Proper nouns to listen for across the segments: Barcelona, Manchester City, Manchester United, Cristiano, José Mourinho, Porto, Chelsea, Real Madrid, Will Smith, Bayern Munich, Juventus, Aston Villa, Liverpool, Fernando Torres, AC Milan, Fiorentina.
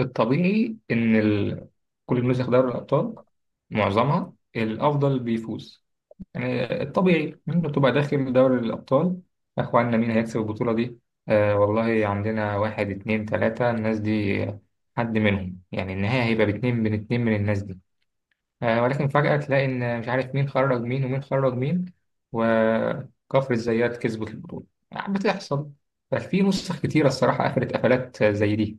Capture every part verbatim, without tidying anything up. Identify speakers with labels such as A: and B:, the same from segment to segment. A: الطبيعي إن ال... كل النسخ دوري الأبطال، معظمها الأفضل بيفوز. يعني الطبيعي أنت بتبقى داخل دوري الأبطال. يا إخوانا، مين هيكسب البطولة دي؟ آه والله، عندنا واحد اتنين تلاتة الناس دي، حد منهم يعني النهاية هيبقى باتنين من اتنين من الناس دي. آه، ولكن فجأة تلاقي إن مش عارف مين خرج مين ومين خرج مين، وكفر الزيات كسبت البطولة. يعني بتحصل. ففي نسخ كتيرة الصراحة قفلت قفلات زي دي.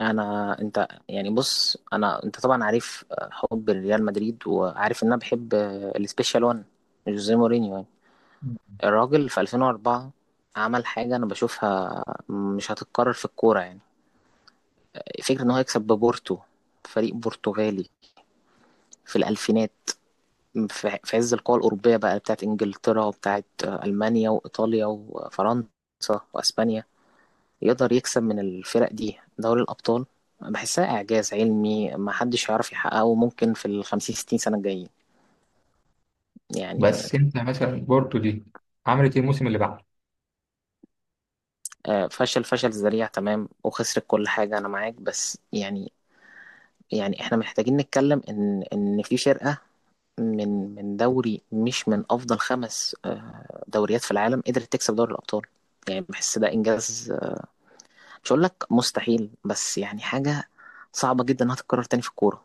B: انا انت يعني بص انا انت طبعا عارف، آه، حب ريال مدريد وعارف ان انا بحب، آه، السبيشال وان جوزيه مورينيو يعني الراجل في ألفين واربعة عمل حاجه انا بشوفها مش هتتكرر في الكوره يعني فكره ان هو يكسب ببورتو، فريق برتغالي في الالفينات، في في عز القوى الاوروبيه بقى بتاعت انجلترا وبتاعت، آه، المانيا وايطاليا وفرنسا واسبانيا، يقدر يكسب من الفرق دي دوري الأبطال. بحسها إعجاز علمي ما حدش يعرف يحققه ممكن في الخمسين ستين سنة الجايين يعني.
A: بس انت مثلا بورتو دي عملت ايه الموسم اللي بعده؟
B: آه، فشل فشل ذريع تمام وخسرت كل حاجة، أنا معاك بس يعني يعني إحنا محتاجين نتكلم إن إن في فرقة من من دوري مش من أفضل خمس، آه، دوريات في العالم قدرت تكسب دوري الأبطال. يعني بحس ده إنجاز، آه، مش هقول لك مستحيل بس يعني حاجة صعبة جدا إنها تتكرر تاني في الكورة.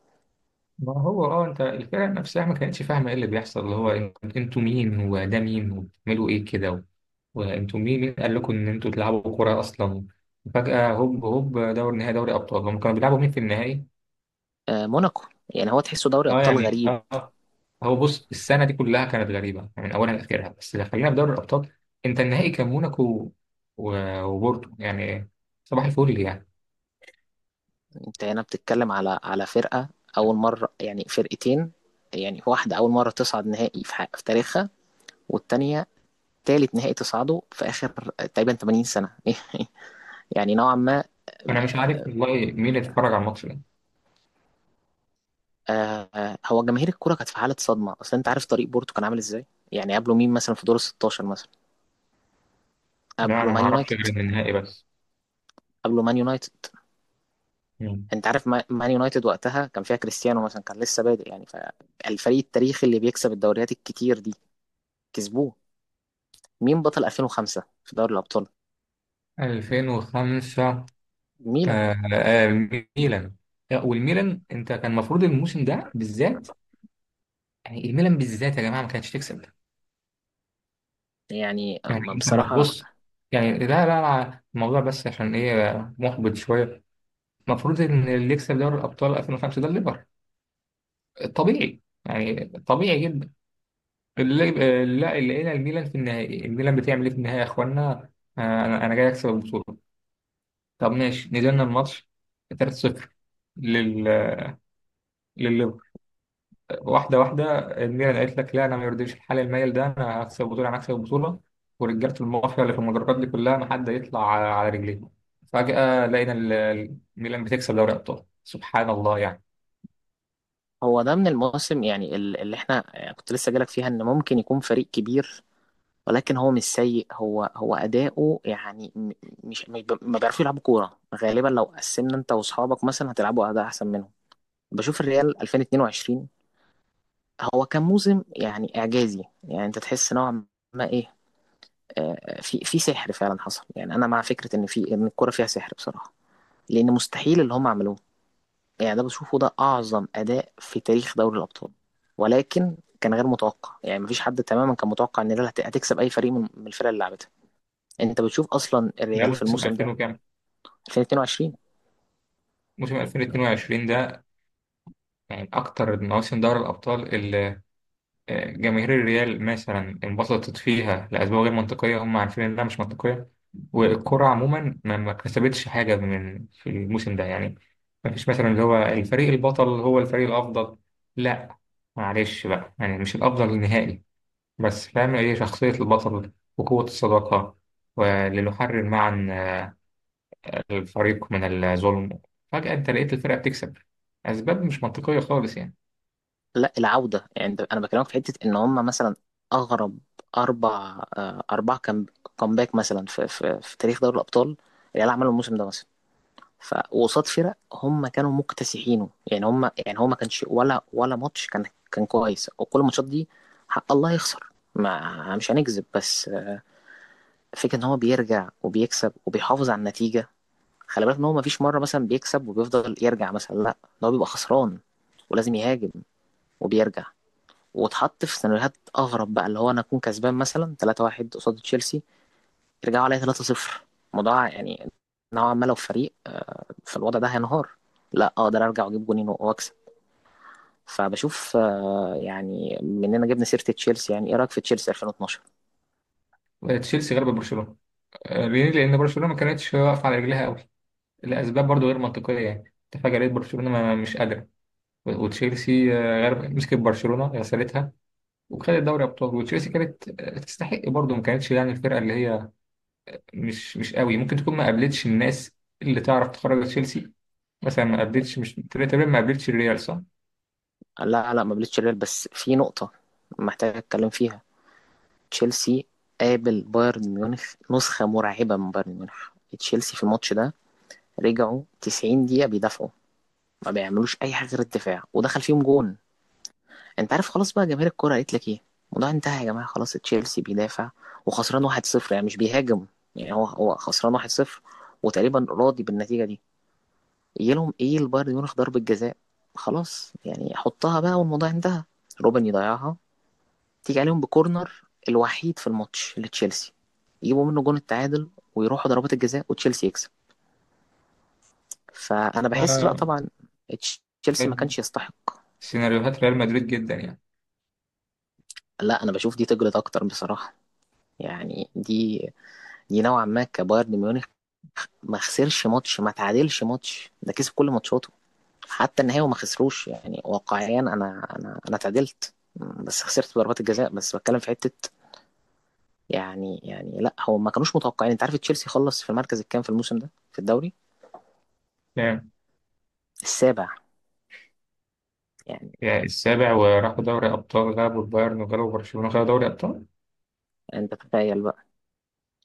A: ما هو اه انت الفرق نفسها ما كانتش فاهمه ايه اللي بيحصل، اللي هو انت- انتوا مين وده مين وبتعملوا ايه كده و- وانتوا مين، مين قال لكم ان انتوا تلعبوا كوره اصلا؟ فجاه هوب هوب دوري نهائي دوري ابطال، هم كانوا بيلعبوا مين في النهائي؟
B: آه، موناكو يعني، هو تحسه دوري
A: اه
B: أبطال
A: يعني
B: غريب.
A: اه هو بص، السنه دي كلها كانت غريبه يعني من اولها لاخرها، بس لو خلينا في دوري الابطال، انت النهائي كان موناكو و- وبورتو يعني. صباح الفل يعني.
B: انت هنا بتتكلم على على فرقة اول مرة يعني، فرقتين يعني، واحدة اول مرة تصعد نهائي في, ح- في تاريخها، والتانية تالت نهائي تصعده في اخر تقريبا تمانين سنة يعني نوعا ما.
A: انا مش عارف والله مين اللي اتفرج على الماتش ده.
B: آه آه، هو جماهير الكرة كانت في حالة صدمة، اصل انت عارف طريق بورتو كان عامل ازاي. يعني قبله مين مثلا في دور ال ستاشر مثلا؟
A: لا
B: قبله
A: أنا ما
B: مان
A: أعرفش
B: يونايتد،
A: غير النهائي بس.
B: قبله مان يونايتد
A: مم.
B: انت عارف ما- مان يونايتد وقتها كان فيها كريستيانو مثلا، كان لسه بادئ يعني، فالفريق التاريخي اللي بيكسب الدوريات الكتير دي كسبوه. مين بطل ألفين وخمسة في دوري الأبطال؟
A: ألفين وخمسة.
B: ميلان.
A: آه آه الميلان. آه، والميلان أنت كان المفروض الموسم ده بالذات، يعني الميلان بالذات يا جماعة ما كانتش تكسب.
B: يعني
A: يعني
B: أما
A: أنت ما
B: بصراحة،
A: تبص، يعني لا لا الموضوع بس عشان إيه محبط شوية. المفروض إن اللي يكسب دوري الأبطال ألفين وخمسة ده الليفر، طبيعي يعني طبيعي جدا اللي، آه، لا اللي لقينا الميلان في النهائي، الميلان بتعمل إيه في النهائي يا إخوانا؟ آه أنا أنا جاي أكسب البطولة. طب ماشي، نزلنا الماتش تلاتة صفر لل... لل واحدة واحدة. الميلان قالت لك لا، أنا ما يرضيش الحال المايل ده، أنا هكسب البطولة أنا هكسب البطولة. ورجالة المافيا اللي في المدرجات دي كلها ما حد يطلع على على رجليه. فجأة لقينا ال- الميلان بتكسب دوري أبطال، سبحان الله يعني.
B: هو ده من المواسم يعني ال- اللي احنا يعني كنت لسه جالك فيها ان ممكن يكون فريق كبير، ولكن هو مش سيء، هو هو أداؤه يعني م- مش مش ب- ما بيعرفوا يلعبوا كورة غالبا. لو قسمنا انت واصحابك مثلا هتلعبوا أداء أحسن منهم. بشوف الريال ألفين واتنين وعشرين، هو كان موسم يعني إعجازي، يعني انت تحس نوعا ما ايه، آه، في في سحر فعلا حصل. يعني انا مع فكرة ان في ان الكورة فيها سحر بصراحة، لان مستحيل اللي هم عملوه. يعني ده بشوفه ده أعظم أداء في تاريخ دوري الأبطال، ولكن كان غير متوقع. يعني مفيش حد تماما كان متوقع إن الريال هت- هتكسب أي فريق من من الفرق اللي لعبتها. أنت بتشوف أصلا
A: ده
B: الريال في
A: موسم
B: الموسم
A: ألفين
B: ده
A: وكام؟
B: ألفين واتنين وعشرين.
A: موسم ألفين واتنين وعشرين ده، يعني من أكتر مواسم دوري الأبطال. جماهير الريال مثلا انبسطت فيها لأسباب غير منطقية، هم عارفين إنها مش منطقية. والكرة عموما ما ما كسبتش حاجة من في الموسم ده يعني. ما فيش مثلا اللي هو الفريق البطل هو الفريق الأفضل. لا، معلش بقى يعني مش الأفضل نهائي. بس فاهم هي شخصية البطل وقوة الصداقة، ولنحرر معا الفريق من الظلم. فجأة أنت لقيت الفرقة بتكسب، أسباب مش منطقية خالص يعني.
B: لا العودة يعني ده- أنا بكلمك في حتة إن هم مثلا أغرب أربع، آه، أربع كام- كامباك مثلا في, في, في تاريخ دوري الأبطال الريال عمله الموسم ده مثلا، فقصاد فرق هم كانوا مكتسحينه. يعني هم يعني هو ما كانش ولا ولا ماتش كان كان كويس، وكل الماتشات دي حق الله يخسر، ما مش هنكذب، بس فكرة ان هو بيرجع وبيكسب وبيحافظ على النتيجة. خلي بالك ان هو ما فيش مرة مثلا بيكسب وبيفضل يرجع مثلا، لا، ده هو بيبقى خسران ولازم يهاجم وبيرجع. واتحط في سيناريوهات اغرب بقى اللي هو انا اكون كسبان مثلا تلاتة واحد قصاد تشيلسي، يرجعوا عليا تلاتة صفر. الموضوع يعني نوعا ما لو فريق فالوضع ده هينهار، لا اقدر ارجع واجيب جونين واكسب. فبشوف، آه، يعني مننا جبنا سيره تشيلسي، يعني ايه رايك في تشيلسي ألفين واتناشر؟
A: تشيلسي غلب برشلونة. آه، بيليه لأن برشلونة ما كانتش واقفة على رجلها قوي لأسباب برضو غير منطقية. يعني اتفاق لقيت برشلونة ما- مش قادرة. وتشيلسي، آه، غير مسكت برشلونة غسلتها، وخدت دوري أبطال. وتشيلسي كانت، آه، تستحق برضو، ما كانتش يعني الفرقة اللي هي مش مش قوي، ممكن تكون ما قابلتش الناس اللي تعرف تخرج تشيلسي. مثلا ما قابلتش، مش تقريبا، ما قابلتش الريال، صح؟
B: لا لا ما قابلتش الريال، بس في نقطه محتاج اتكلم فيها. تشيلسي قابل بايرن ميونخ، نسخه مرعبه من بايرن ميونخ. تشيلسي في الماتش ده رجعوا تسعين دقيقه بيدافعوا، ما بيعملوش اي حاجه غير الدفاع، ودخل فيهم جون. انت عارف خلاص بقى، جماهير الكرة قالت لك ايه الموضوع انتهى يا جماعة، خلاص تشيلسي بيدافع وخسران واحد صفر يعني، مش بيهاجم. يعني هو هو خسران واحد صفر وتقريبا راضي بالنتيجة دي. يجي لهم ايه؟ البايرن ميونخ ضربة جزاء، خلاص يعني حطها بقى والموضوع انتهى. روبن يضيعها، تيجي عليهم بكورنر الوحيد في الماتش لتشيلسي، يجيبوا منه جون التعادل، ويروحوا ضربات الجزاء وتشيلسي يكسب. فانا بحس لا،
A: ما
B: طبعا تشيلسي ما
A: بد-
B: كانش يستحق.
A: سيناريوهات ريال مدريد جدا يعني.
B: لا انا بشوف دي تجلد اكتر بصراحة، يعني دي نوعا ما كبايرن ميونخ، ما خسرش ماتش، ما تعادلش ماتش ده، كسب كل ماتشاته حتى النهائي وما خسروش. يعني واقعيا انا انا انا اتعادلت بس خسرت ضربات الجزاء، بس بتكلم في حته يعني. يعني لا، هو ما كانوش متوقعين. انت عارف تشيلسي خلص في المركز الكام في الموسم ده في الدوري؟
A: كام؟
B: السابع يعني.
A: يعني السابع، وراحوا دوري أبطال غلبوا البايرن وغلبوا برشلونة خدوا دوري أبطال.
B: انت تخيل بقى.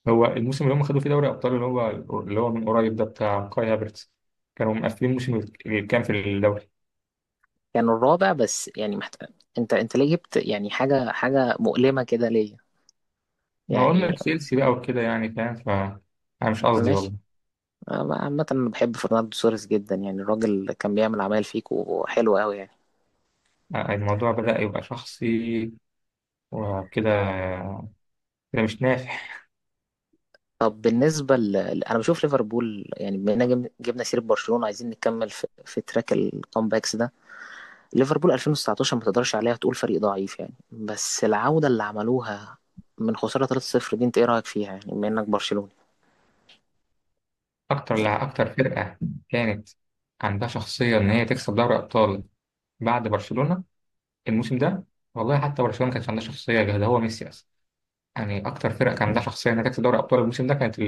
A: هو الموسم اللي هم خدوا فيه دوري ابطال، اللي هو اللي هو من قريب ده بتاع كاي هافرتز، كانوا مقفلين الموسم اللي كان في الدوري.
B: كانوا يعني الرابع، بس يعني محت... انت انت ليه جبت يعني حاجه حاجه مؤلمه كده ليا
A: ما قلنا
B: يعني؟
A: تشيلسي بقى وكده يعني فاهم ف. انا مش قصدي والله.
B: ماشي. أنا عامة أنا بحب فرناندو سوريس جدا، يعني الراجل كان بيعمل عمايل فيكو حلوة أوي يعني.
A: الموضوع بدأ يبقى شخصي وكده، كده مش نافع.
B: طب بالنسبة ل... ل- أنا بشوف ليفربول، يعني بما إننا جبنا جبنا سيرة برشلونة، عايزين نكمل في, في تراك الكامباكس ده. ليفربول ألفين وتسعتاشر ما تقدرش عليها تقول فريق ضعيف يعني، بس العودة اللي عملوها من خسارة تلاتة صفر دي، أنت إيه رأيك فيها يعني بما إنك برشلوني؟
A: اكتر
B: يعني
A: لع- اكتر فرقة كانت عندها شخصية ان هي تكسب دوري ابطال بعد برشلونة الموسم ده. والله حتى برشلونة ما كانش عندها شخصية غير ده، هو ميسي اصلا يعني. اكتر فرقة كان عندها شخصية انها تكسب دوري ابطال الموسم ده كانت،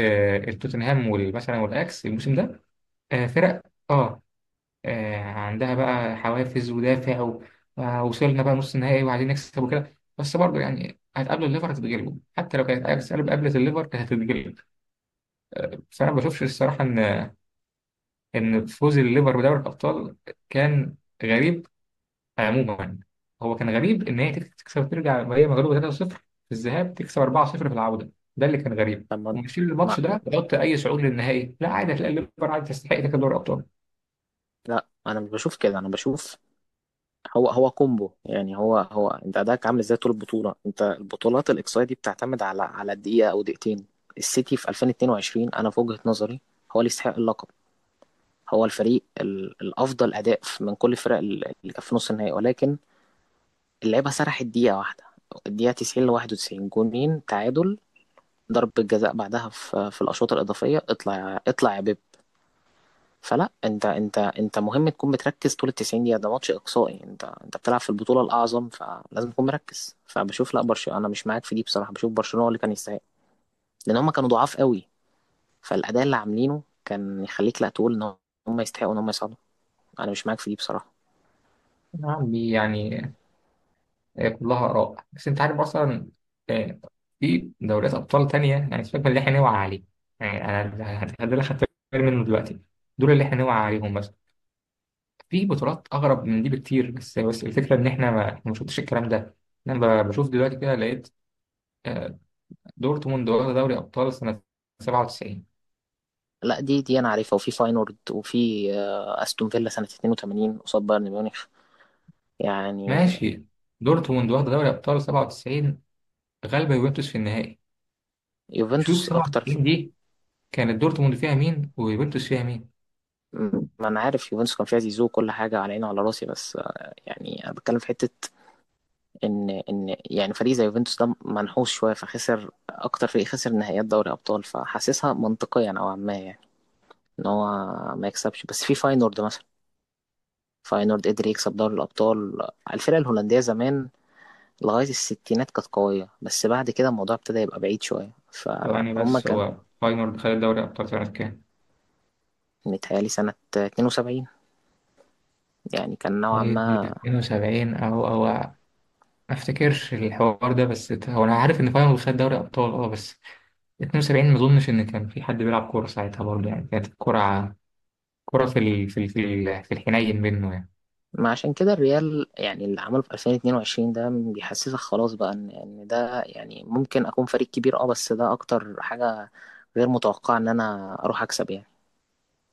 A: آه، التوتنهام وال- مثلا والاكس الموسم ده. آه، فرق، اه، آه، عندها بقى حوافز ودافع و- آه، وصلنا بقى نص نهائي وعايزين نكسب وكده، بس برضه يعني هتقابلوا الليفر هتتغلبوا. حتى لو كانت اياكس قبل- قابلت الليفر كانت هتتغلب. بس انا ما بشوفش الصراحه ان ان فوز الليفر بدوري الابطال كان غريب. عموما، هو كان غريب ان هي تكسب ترجع وهي مغلوبه ثلاثة صفر في الذهاب، تكسب أربعة صفر في العوده. ده اللي كان غريب،
B: طب ما...
A: ومشيل
B: ما...
A: الماتش ده بغض اي صعود للنهائي، لا عادي هتلاقي الليفر عادي تستحق تاخد دوري الابطال.
B: لا أنا مش بشوف كده، أنا بشوف هو هو كومبو. يعني هو هو انت اداك عامل ازاي طول البطوله. انت البطولات الاقصائيه دي بتعتمد على على دقيقه او دقيقتين. السيتي في ألفين واتنين وعشرين انا في وجهه نظري هو اللي يستحق اللقب، هو الفريق ال- الافضل اداء في- من كل الفرق ال- اللي كانت في نص النهائي، ولكن اللعيبه سرحت دقيقه واحده، الدقيقه تسعين ل واحد وتسعين جونين تعادل، ضربه جزاء بعدها في في الاشواط الاضافيه، اطلع اطلع يا بيب. فلا، انت انت انت مهم تكون بتركز طول ال تسعين دقيقه، ده ماتش اقصائي، انت انت بتلعب في البطوله الاعظم، فلازم تكون مركز. فبشوف لا، برشلونه انا مش معاك في دي بصراحه. بشوف برشلونه هو اللي كان يستحق، لان هم كانوا ضعاف قوي، فالاداء اللي عاملينه كان يخليك لا تقول ان هم يستحقوا ان هم يصعدوا. انا مش معاك في دي بصراحه.
A: يا عمي يعني، آه، كلها اراء. بس انت عارف اصلا، آه، في دوريات ابطال تانيه يعني سيبك من اللي احنا نوعى عليه. يعني انا ده اللي خدت بالي منه دلوقتي، دول اللي احنا نوعى عليهم مثلا. في بطولات اغرب من دي بكتير، بس بس الفكره ان احنا ما ما شفتش الكلام ده. انا ب- بشوف دلوقتي كده لقيت، آه، دورتموند واخدة دوري أبطال سنة سبعة وتسعين.
B: لا دي دي انا عارفها، وفي فاينورد، وفي، آه، استون فيلا سنه اتنين وتمانين قصاد بايرن ميونخ يعني.
A: ماشي، دورتموند واخدة دوري أبطال سبعة وتسعين غالبة يوفنتوس في النهائي. شوف
B: يوفنتوس اكتر ف...
A: سبعة وتسعين دي، كانت دورتموند فيها مين ويوفنتوس فيها مين؟
B: ما انا عارف يوفنتوس كان فيها زيزو وكل حاجه على عيني وعلى راسي، بس، آه، يعني انا بتكلم في حته ان ان يعني فريق زي يوفنتوس ده منحوس شويه، فخسر اكتر فريق خسر نهائيات دوري ابطال، فحاسسها منطقيا نوعا ما يعني ان هو ما يكسبش. بس في فاينورد مثلا، فاينورد قدر يكسب دوري الابطال. الفرقه الهولنديه زمان لغايه الستينات كانت قويه، بس بعد كده الموضوع ابتدى يبقى بعيد شويه،
A: ثواني
B: فهم
A: بس،
B: كان
A: هو فاينورد خد دوري أبطال سنة كام؟
B: متهيألي سنه اتنين وسبعين. يعني كان نوعا
A: فاينورد
B: ما.
A: اتنين وسبعين أو أو ما أفتكرش الحوار ده، بس ت- هو أنا عارف إن فاينورد خد دوري أبطال أه، بس اتنين وسبعين ما أظنش إن كان في حد بيلعب كورة ساعتها برضه. يعني كانت الكرة كرة في ال... في ال... في ال- في الحنين منه يعني.
B: ما عشان كده الريال يعني اللي عمله في ألفين واتنين وعشرين ده بيحسسك خلاص بقى ان ان ده يعني ممكن اكون فريق كبير. اه بس ده اكتر حاجة غير متوقعة، ان انا اروح اكسب يعني.